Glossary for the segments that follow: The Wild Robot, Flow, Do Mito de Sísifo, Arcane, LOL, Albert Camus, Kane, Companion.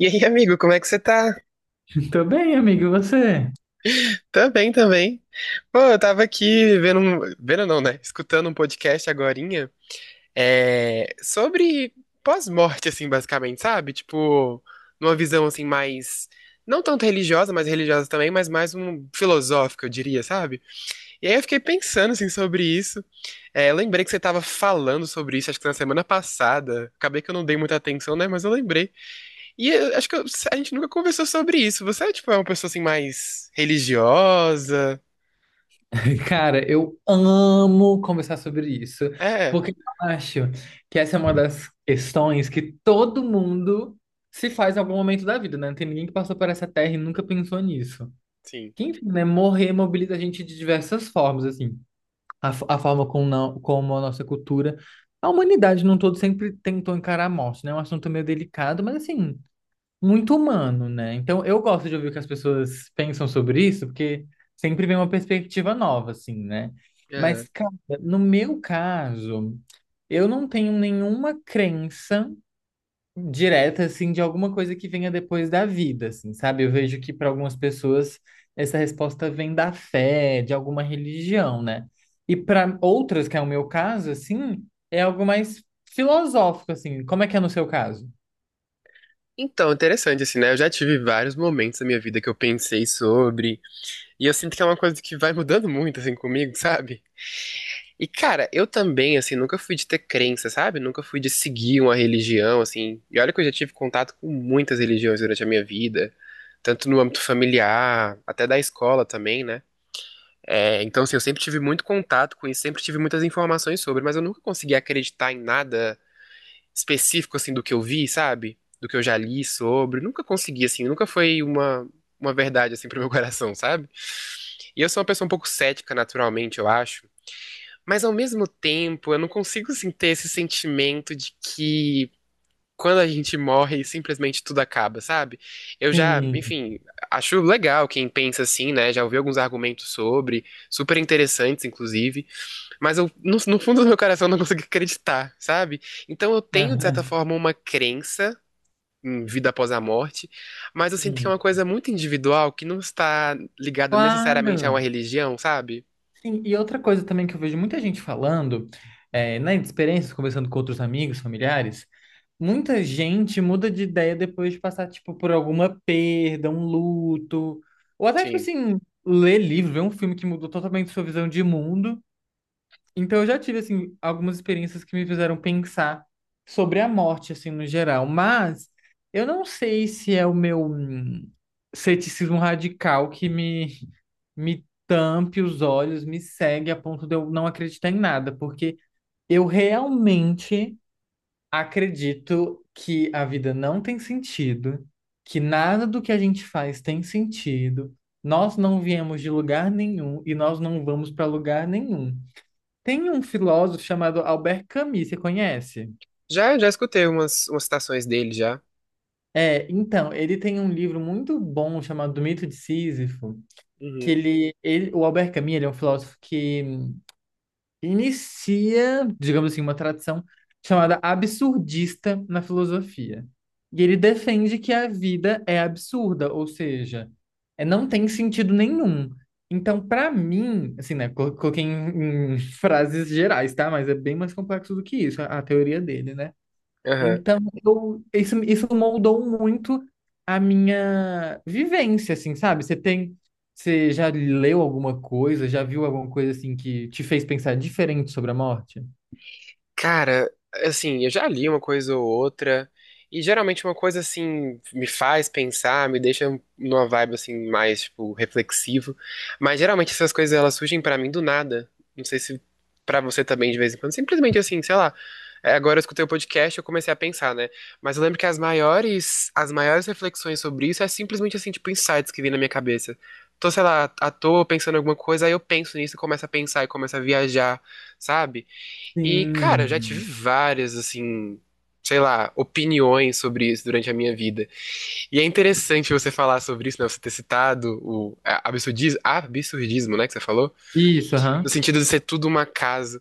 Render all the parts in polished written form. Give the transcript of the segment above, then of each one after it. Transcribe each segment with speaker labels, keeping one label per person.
Speaker 1: E aí, amigo, como é que você tá?
Speaker 2: Tô bem, amigo, e você?
Speaker 1: Também, também. Pô, eu tava aqui vendo um... Vendo não, né? Escutando um podcast agorinha, sobre pós-morte, assim, basicamente, sabe? Tipo, numa visão, assim, mais... Não tanto religiosa, mas religiosa também, mas mais um filosófica, eu diria, sabe? E aí eu fiquei pensando, assim, sobre isso. É, lembrei que você tava falando sobre isso, acho que na semana passada. Acabei que eu não dei muita atenção, né? Mas eu lembrei. E eu acho que eu- a gente nunca conversou sobre isso. Você, tipo, é uma pessoa, assim, mais religiosa?
Speaker 2: Cara, eu amo conversar sobre isso,
Speaker 1: É,
Speaker 2: porque eu acho que essa é uma das questões que todo mundo se faz em algum momento da vida, né? Não tem ninguém que passou por essa terra e nunca pensou nisso.
Speaker 1: sim.
Speaker 2: Que, enfim, né? Morrer mobiliza a gente de diversas formas, assim. A forma como, não, como a nossa cultura, a humanidade num todo sempre tentou encarar a morte, né? É um assunto meio delicado, mas assim, muito humano, né? Então eu gosto de ouvir o que as pessoas pensam sobre isso, porque sempre vem uma perspectiva nova, assim, né? Mas,
Speaker 1: Aham.
Speaker 2: cara, no meu caso, eu não tenho nenhuma crença direta, assim, de alguma coisa que venha depois da vida, assim, sabe? Eu vejo que para algumas pessoas essa resposta vem da fé, de alguma religião, né? E para outras, que é o meu caso, assim, é algo mais filosófico, assim. Como é que é no seu caso?
Speaker 1: Então, interessante, assim, né? Eu já tive vários momentos da minha vida que eu pensei sobre. E eu sinto que é uma coisa que vai mudando muito, assim, comigo, sabe? E, cara, eu também, assim, nunca fui de ter crença, sabe? Nunca fui de seguir uma religião, assim. E olha que eu já tive contato com muitas religiões durante a minha vida, tanto no âmbito familiar, até da escola também, né? É, então, assim, eu sempre tive muito contato com isso, sempre tive muitas informações sobre, mas eu nunca consegui acreditar em nada específico, assim, do que eu vi, sabe? Do que eu já li sobre. Nunca consegui, assim, nunca foi uma verdade, assim, pro meu coração, sabe? E eu sou uma pessoa um pouco cética, naturalmente, eu acho. Mas, ao mesmo tempo, eu não consigo, assim, ter esse sentimento de que quando a gente morre, simplesmente tudo acaba, sabe? Eu já,
Speaker 2: Sim.
Speaker 1: enfim, acho legal quem pensa assim, né? Já ouvi alguns argumentos sobre, super interessantes, inclusive. Mas eu, no fundo do meu coração, eu não consigo acreditar, sabe? Então eu tenho, de certa
Speaker 2: Aham.
Speaker 1: forma, uma crença em vida após a morte, mas eu sinto que é
Speaker 2: Sim.
Speaker 1: uma coisa muito individual que não está ligada necessariamente a
Speaker 2: Claro.
Speaker 1: uma religião, sabe?
Speaker 2: Sim, e outra coisa também que eu vejo muita gente falando, é, nas experiências, conversando com outros amigos, familiares, muita gente muda de ideia depois de passar, tipo, por alguma perda, um luto, ou até, tipo
Speaker 1: Sim.
Speaker 2: assim, ler livro, ver um filme que mudou totalmente sua visão de mundo. Então, eu já tive, assim, algumas experiências que me fizeram pensar sobre a morte, assim, no geral. Mas eu não sei se é o meu ceticismo radical que me tampe os olhos, me segue a ponto de eu não acreditar em nada, porque eu realmente acredito que a vida não tem sentido, que nada do que a gente faz tem sentido. Nós não viemos de lugar nenhum e nós não vamos para lugar nenhum. Tem um filósofo chamado Albert Camus, você conhece?
Speaker 1: Já, já escutei umas citações dele já.
Speaker 2: É, então, ele tem um livro muito bom chamado Do Mito de Sísifo, que
Speaker 1: Uhum.
Speaker 2: ele, o Albert Camus, ele é um filósofo que inicia, digamos assim, uma tradição chamada absurdista na filosofia. E ele defende que a vida é absurda, ou seja, é, não tem sentido nenhum. Então, para mim, assim, né, coloquei em frases gerais, tá? Mas é bem mais complexo do que isso, a teoria dele, né?
Speaker 1: Aham.
Speaker 2: Então, isso moldou muito a minha vivência, assim, sabe? Você já leu alguma coisa, já viu alguma coisa assim que te fez pensar diferente sobre a morte?
Speaker 1: Cara, assim, eu já li uma coisa ou outra, e geralmente uma coisa assim me faz pensar, me deixa numa vibe assim mais tipo reflexivo, mas geralmente essas coisas elas surgem pra mim do nada. Não sei se pra você também de vez em quando, simplesmente assim, sei lá. É, agora eu escutei o podcast e eu comecei a pensar, né? Mas eu lembro que as maiores reflexões sobre isso é simplesmente assim, tipo, insights que vem na minha cabeça. Tô, sei lá, à toa pensando em alguma coisa, aí eu penso nisso e começo a pensar e começo a viajar, sabe? E, cara, eu já tive
Speaker 2: Sim.
Speaker 1: várias, assim, sei lá, opiniões sobre isso durante a minha vida. E é interessante você falar sobre isso, né? Você ter citado o absurdismo, absurdismo, né, que você falou,
Speaker 2: Isso,
Speaker 1: no
Speaker 2: aham.
Speaker 1: sentido de ser tudo uma casa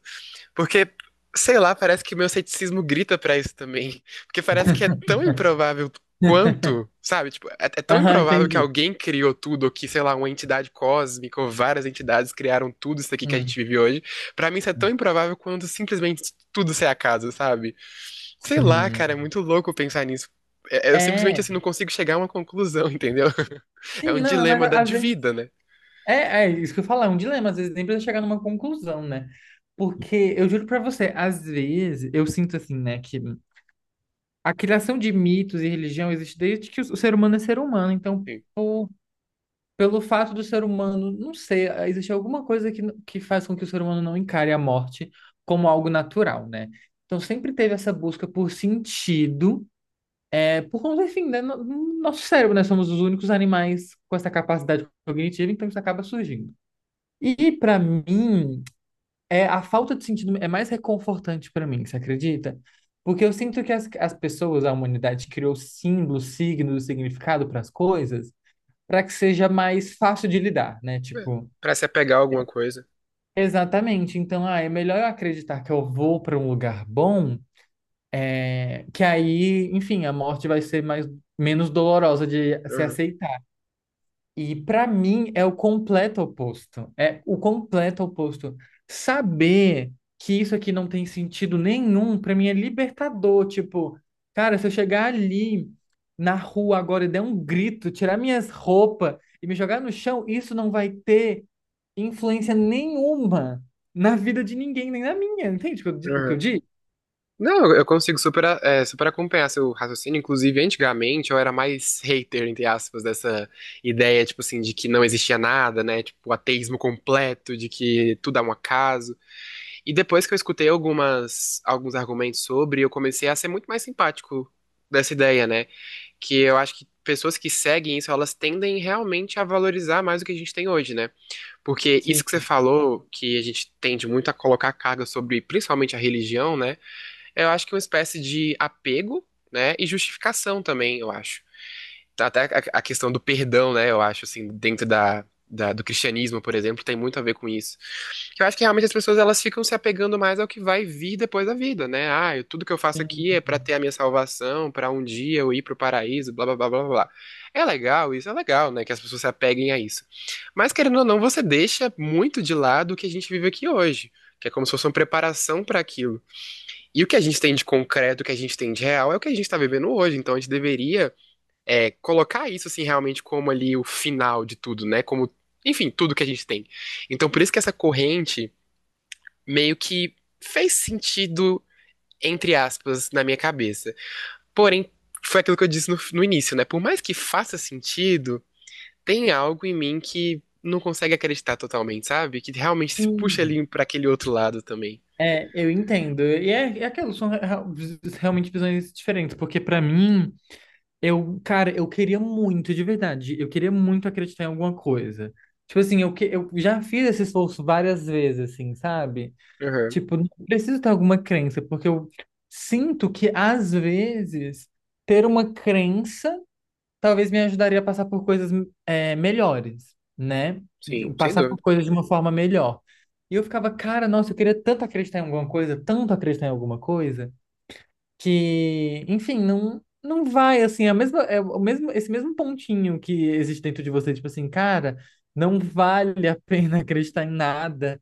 Speaker 1: porque, sei lá, parece que meu ceticismo grita pra isso também. Porque parece que é tão improvável quanto, sabe? Tipo, é tão
Speaker 2: Aham,
Speaker 1: improvável que
Speaker 2: entendi.
Speaker 1: alguém criou tudo, ou que, sei lá, uma entidade cósmica, ou várias entidades criaram tudo isso aqui que a
Speaker 2: Hum.
Speaker 1: gente vive hoje. Pra mim, isso é tão improvável quanto simplesmente tudo ser acaso, sabe? Sei lá,
Speaker 2: Sim.
Speaker 1: cara, é muito louco pensar nisso. Eu simplesmente,
Speaker 2: É,
Speaker 1: assim, não consigo chegar a uma conclusão, entendeu? É
Speaker 2: sim,
Speaker 1: um
Speaker 2: não, é, mas às
Speaker 1: de
Speaker 2: vezes
Speaker 1: vida, né?
Speaker 2: é isso que eu falo, é um dilema, às vezes nem precisa chegar numa conclusão, né? Porque eu juro pra você, às vezes eu sinto assim, né, que a criação de mitos e religião existe desde que o ser humano é ser humano. Então,
Speaker 1: Assim,
Speaker 2: por- pelo fato do ser humano, não sei, existe alguma coisa que faz com que o ser humano não encare a morte como algo natural, né? Então, sempre teve essa busca por sentido, é, por conta, enfim, né, no nosso cérebro, né? Somos os únicos animais com essa capacidade cognitiva, então isso acaba surgindo. E, para mim, é, a falta de sentido é mais reconfortante para mim, você acredita? Porque eu sinto que as pessoas, a humanidade, criou símbolos, signos, significado para as coisas, para que seja mais fácil de lidar, né?
Speaker 1: é,
Speaker 2: Tipo,
Speaker 1: pra se apegar a alguma coisa.
Speaker 2: exatamente. Então, ah, é melhor eu acreditar que eu vou para um lugar bom, é, que aí, enfim, a morte vai ser mais, menos dolorosa de se
Speaker 1: Uhum,
Speaker 2: aceitar. E para mim é o completo oposto. É o completo oposto. Saber que isso aqui não tem sentido nenhum, para mim é libertador. Tipo, cara, se eu chegar ali na rua agora e der um grito, tirar minhas roupas e me jogar no chão, isso não vai ter influência nenhuma na vida de ninguém, nem na minha. Entende o que o que eu
Speaker 1: uhum.
Speaker 2: digo?
Speaker 1: Não, eu consigo super, super acompanhar seu raciocínio. Inclusive, antigamente eu era mais hater, entre aspas, dessa ideia, tipo assim, de que não existia nada, né? Tipo, o ateísmo completo, de que tudo é um acaso. E depois que eu escutei alguns argumentos sobre, eu comecei a ser muito mais simpático dessa ideia, né? Que eu acho que pessoas que seguem isso, elas tendem realmente a valorizar mais o que a gente tem hoje, né? Porque isso que você
Speaker 2: Sim,
Speaker 1: falou, que a gente tende muito a colocar carga sobre, principalmente a religião, né? Eu acho que é uma espécie de apego, né? E justificação também, eu acho. Até a questão do perdão, né? Eu acho, assim, dentro do cristianismo, por exemplo, tem muito a ver com isso. Eu acho que realmente as pessoas elas ficam se apegando mais ao que vai vir depois da vida, né? Ah, tudo que eu faço
Speaker 2: sim,
Speaker 1: aqui é pra ter a minha salvação, pra um dia eu ir pro paraíso, blá, blá, blá, blá, blá. É legal, isso é legal, né? Que as pessoas se apeguem a isso. Mas, querendo ou não, você deixa muito de lado o que a gente vive aqui hoje, que é como se fosse uma preparação pra aquilo. E o que a gente tem de concreto, o que a gente tem de real, é o que a gente está vivendo hoje. Então a gente deveria colocar isso, assim, realmente como ali o final de tudo, né? Como, enfim, tudo que a gente tem. Então por isso que essa corrente meio que fez sentido, entre aspas, na minha cabeça. Porém, foi aquilo que eu disse no início, né? Por mais que faça sentido, tem algo em mim que não consegue acreditar totalmente, sabe? Que realmente se puxa
Speaker 2: sim.
Speaker 1: ali pra aquele outro lado também.
Speaker 2: É, eu entendo. E é aquilo, são realmente visões diferentes, porque para mim. Eu, cara, eu queria muito, de verdade, eu queria muito acreditar em alguma coisa. Tipo assim, eu já fiz esse esforço várias vezes, assim, sabe?
Speaker 1: Aham,
Speaker 2: Tipo, não preciso ter alguma crença, porque eu sinto que, às vezes, ter uma crença talvez me ajudaria a passar por coisas melhores, né?
Speaker 1: sim, sem
Speaker 2: Passar por
Speaker 1: dúvida.
Speaker 2: coisas de uma forma melhor. E eu ficava, cara, nossa, eu queria tanto acreditar em alguma coisa, tanto acreditar em alguma coisa que, enfim, não vai assim, é a mesma é o mesmo esse mesmo pontinho que existe dentro de você, tipo assim, cara, não vale a pena acreditar em nada,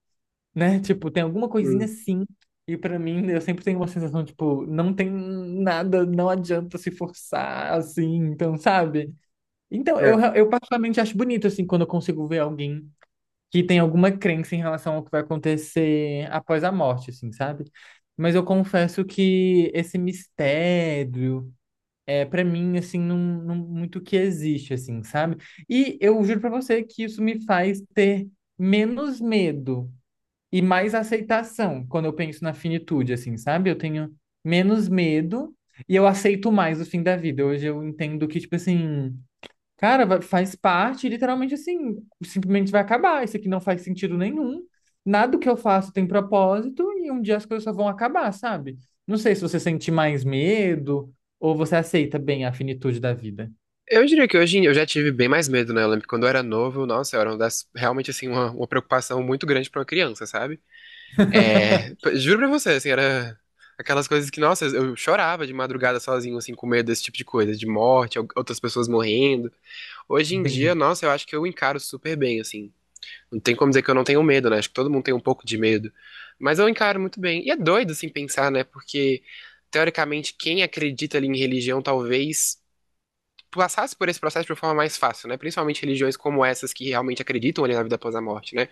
Speaker 2: né? Tipo, tem alguma coisinha
Speaker 1: Hum,
Speaker 2: assim. E pra mim, eu sempre tenho uma sensação, tipo, não tem nada, não adianta se forçar assim, então, sabe? Então, eu,
Speaker 1: é.
Speaker 2: eu particularmente acho bonito, assim, quando eu consigo ver alguém que tem alguma crença em relação ao que vai acontecer após a morte, assim, sabe? Mas eu confesso que esse mistério é para mim assim não muito que existe, assim, sabe? E eu juro para você que isso me faz ter menos medo e mais aceitação quando eu penso na finitude, assim, sabe? Eu tenho menos medo e eu aceito mais o fim da vida. Hoje eu entendo que tipo assim, cara, faz parte, literalmente assim, simplesmente vai acabar. Isso aqui não faz sentido nenhum. Nada do que eu faço tem propósito e um dia as coisas só vão acabar, sabe? Não sei se você sente mais medo ou você aceita bem a finitude da vida.
Speaker 1: Eu diria que eu já tive bem mais medo, né? Eu lembro que quando eu era novo, nossa, era uma das, realmente assim, uma preocupação muito grande pra uma criança, sabe? É, juro pra você, assim, era aquelas coisas que, nossa, eu chorava de madrugada sozinho, assim, com medo desse tipo de coisa, de morte, outras pessoas morrendo. Hoje em dia,
Speaker 2: Entendi.
Speaker 1: nossa, eu acho que eu encaro super bem, assim. Não tem como dizer que eu não tenho medo, né? Acho que todo mundo tem um pouco de medo. Mas eu encaro muito bem. E é doido, assim, pensar, né? Porque, teoricamente, quem acredita ali em religião talvez passasse por esse processo de uma forma mais fácil, né? Principalmente religiões como essas que realmente acreditam ali na vida após a morte, né?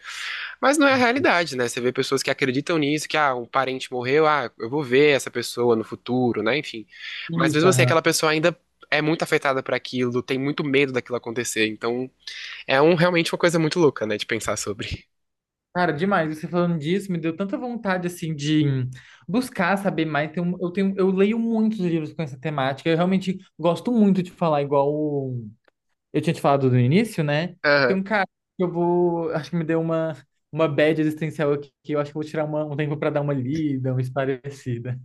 Speaker 1: Mas não é a realidade, né? Você vê pessoas que acreditam nisso, que ah, um parente morreu, ah, eu vou ver essa pessoa no futuro, né? Enfim. Mas
Speaker 2: Isso,
Speaker 1: mesmo assim,
Speaker 2: aham.
Speaker 1: aquela pessoa ainda é muito afetada por aquilo, tem muito medo daquilo acontecer. Então, é um realmente uma coisa muito louca, né, de pensar sobre.
Speaker 2: Cara, demais. Você falando disso me deu tanta vontade, assim, de buscar saber mais. Tem um- eu tenho, eu leio muitos livros com essa temática. Eu realmente gosto muito de falar, igual eu tinha te falado no início, né? Tem
Speaker 1: Aham.
Speaker 2: um cara que eu vou. Acho que me deu uma bad existencial aqui, que eu acho que eu vou tirar um tempo pra dar uma lida, uma esparecida.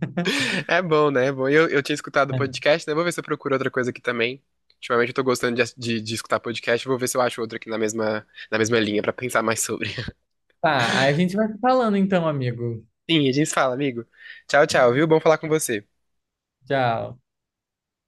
Speaker 1: É bom, né? É bom. Eu tinha escutado o podcast, né? Vou ver se eu procuro outra coisa aqui também. Ultimamente eu tô gostando de, de escutar podcast, vou ver se eu acho outro aqui na mesma linha pra pensar mais sobre.
Speaker 2: Tá, aí a gente vai se falando então, amigo.
Speaker 1: Sim, a gente se fala, amigo. Tchau, tchau, viu? Bom falar com você.
Speaker 2: Tchau.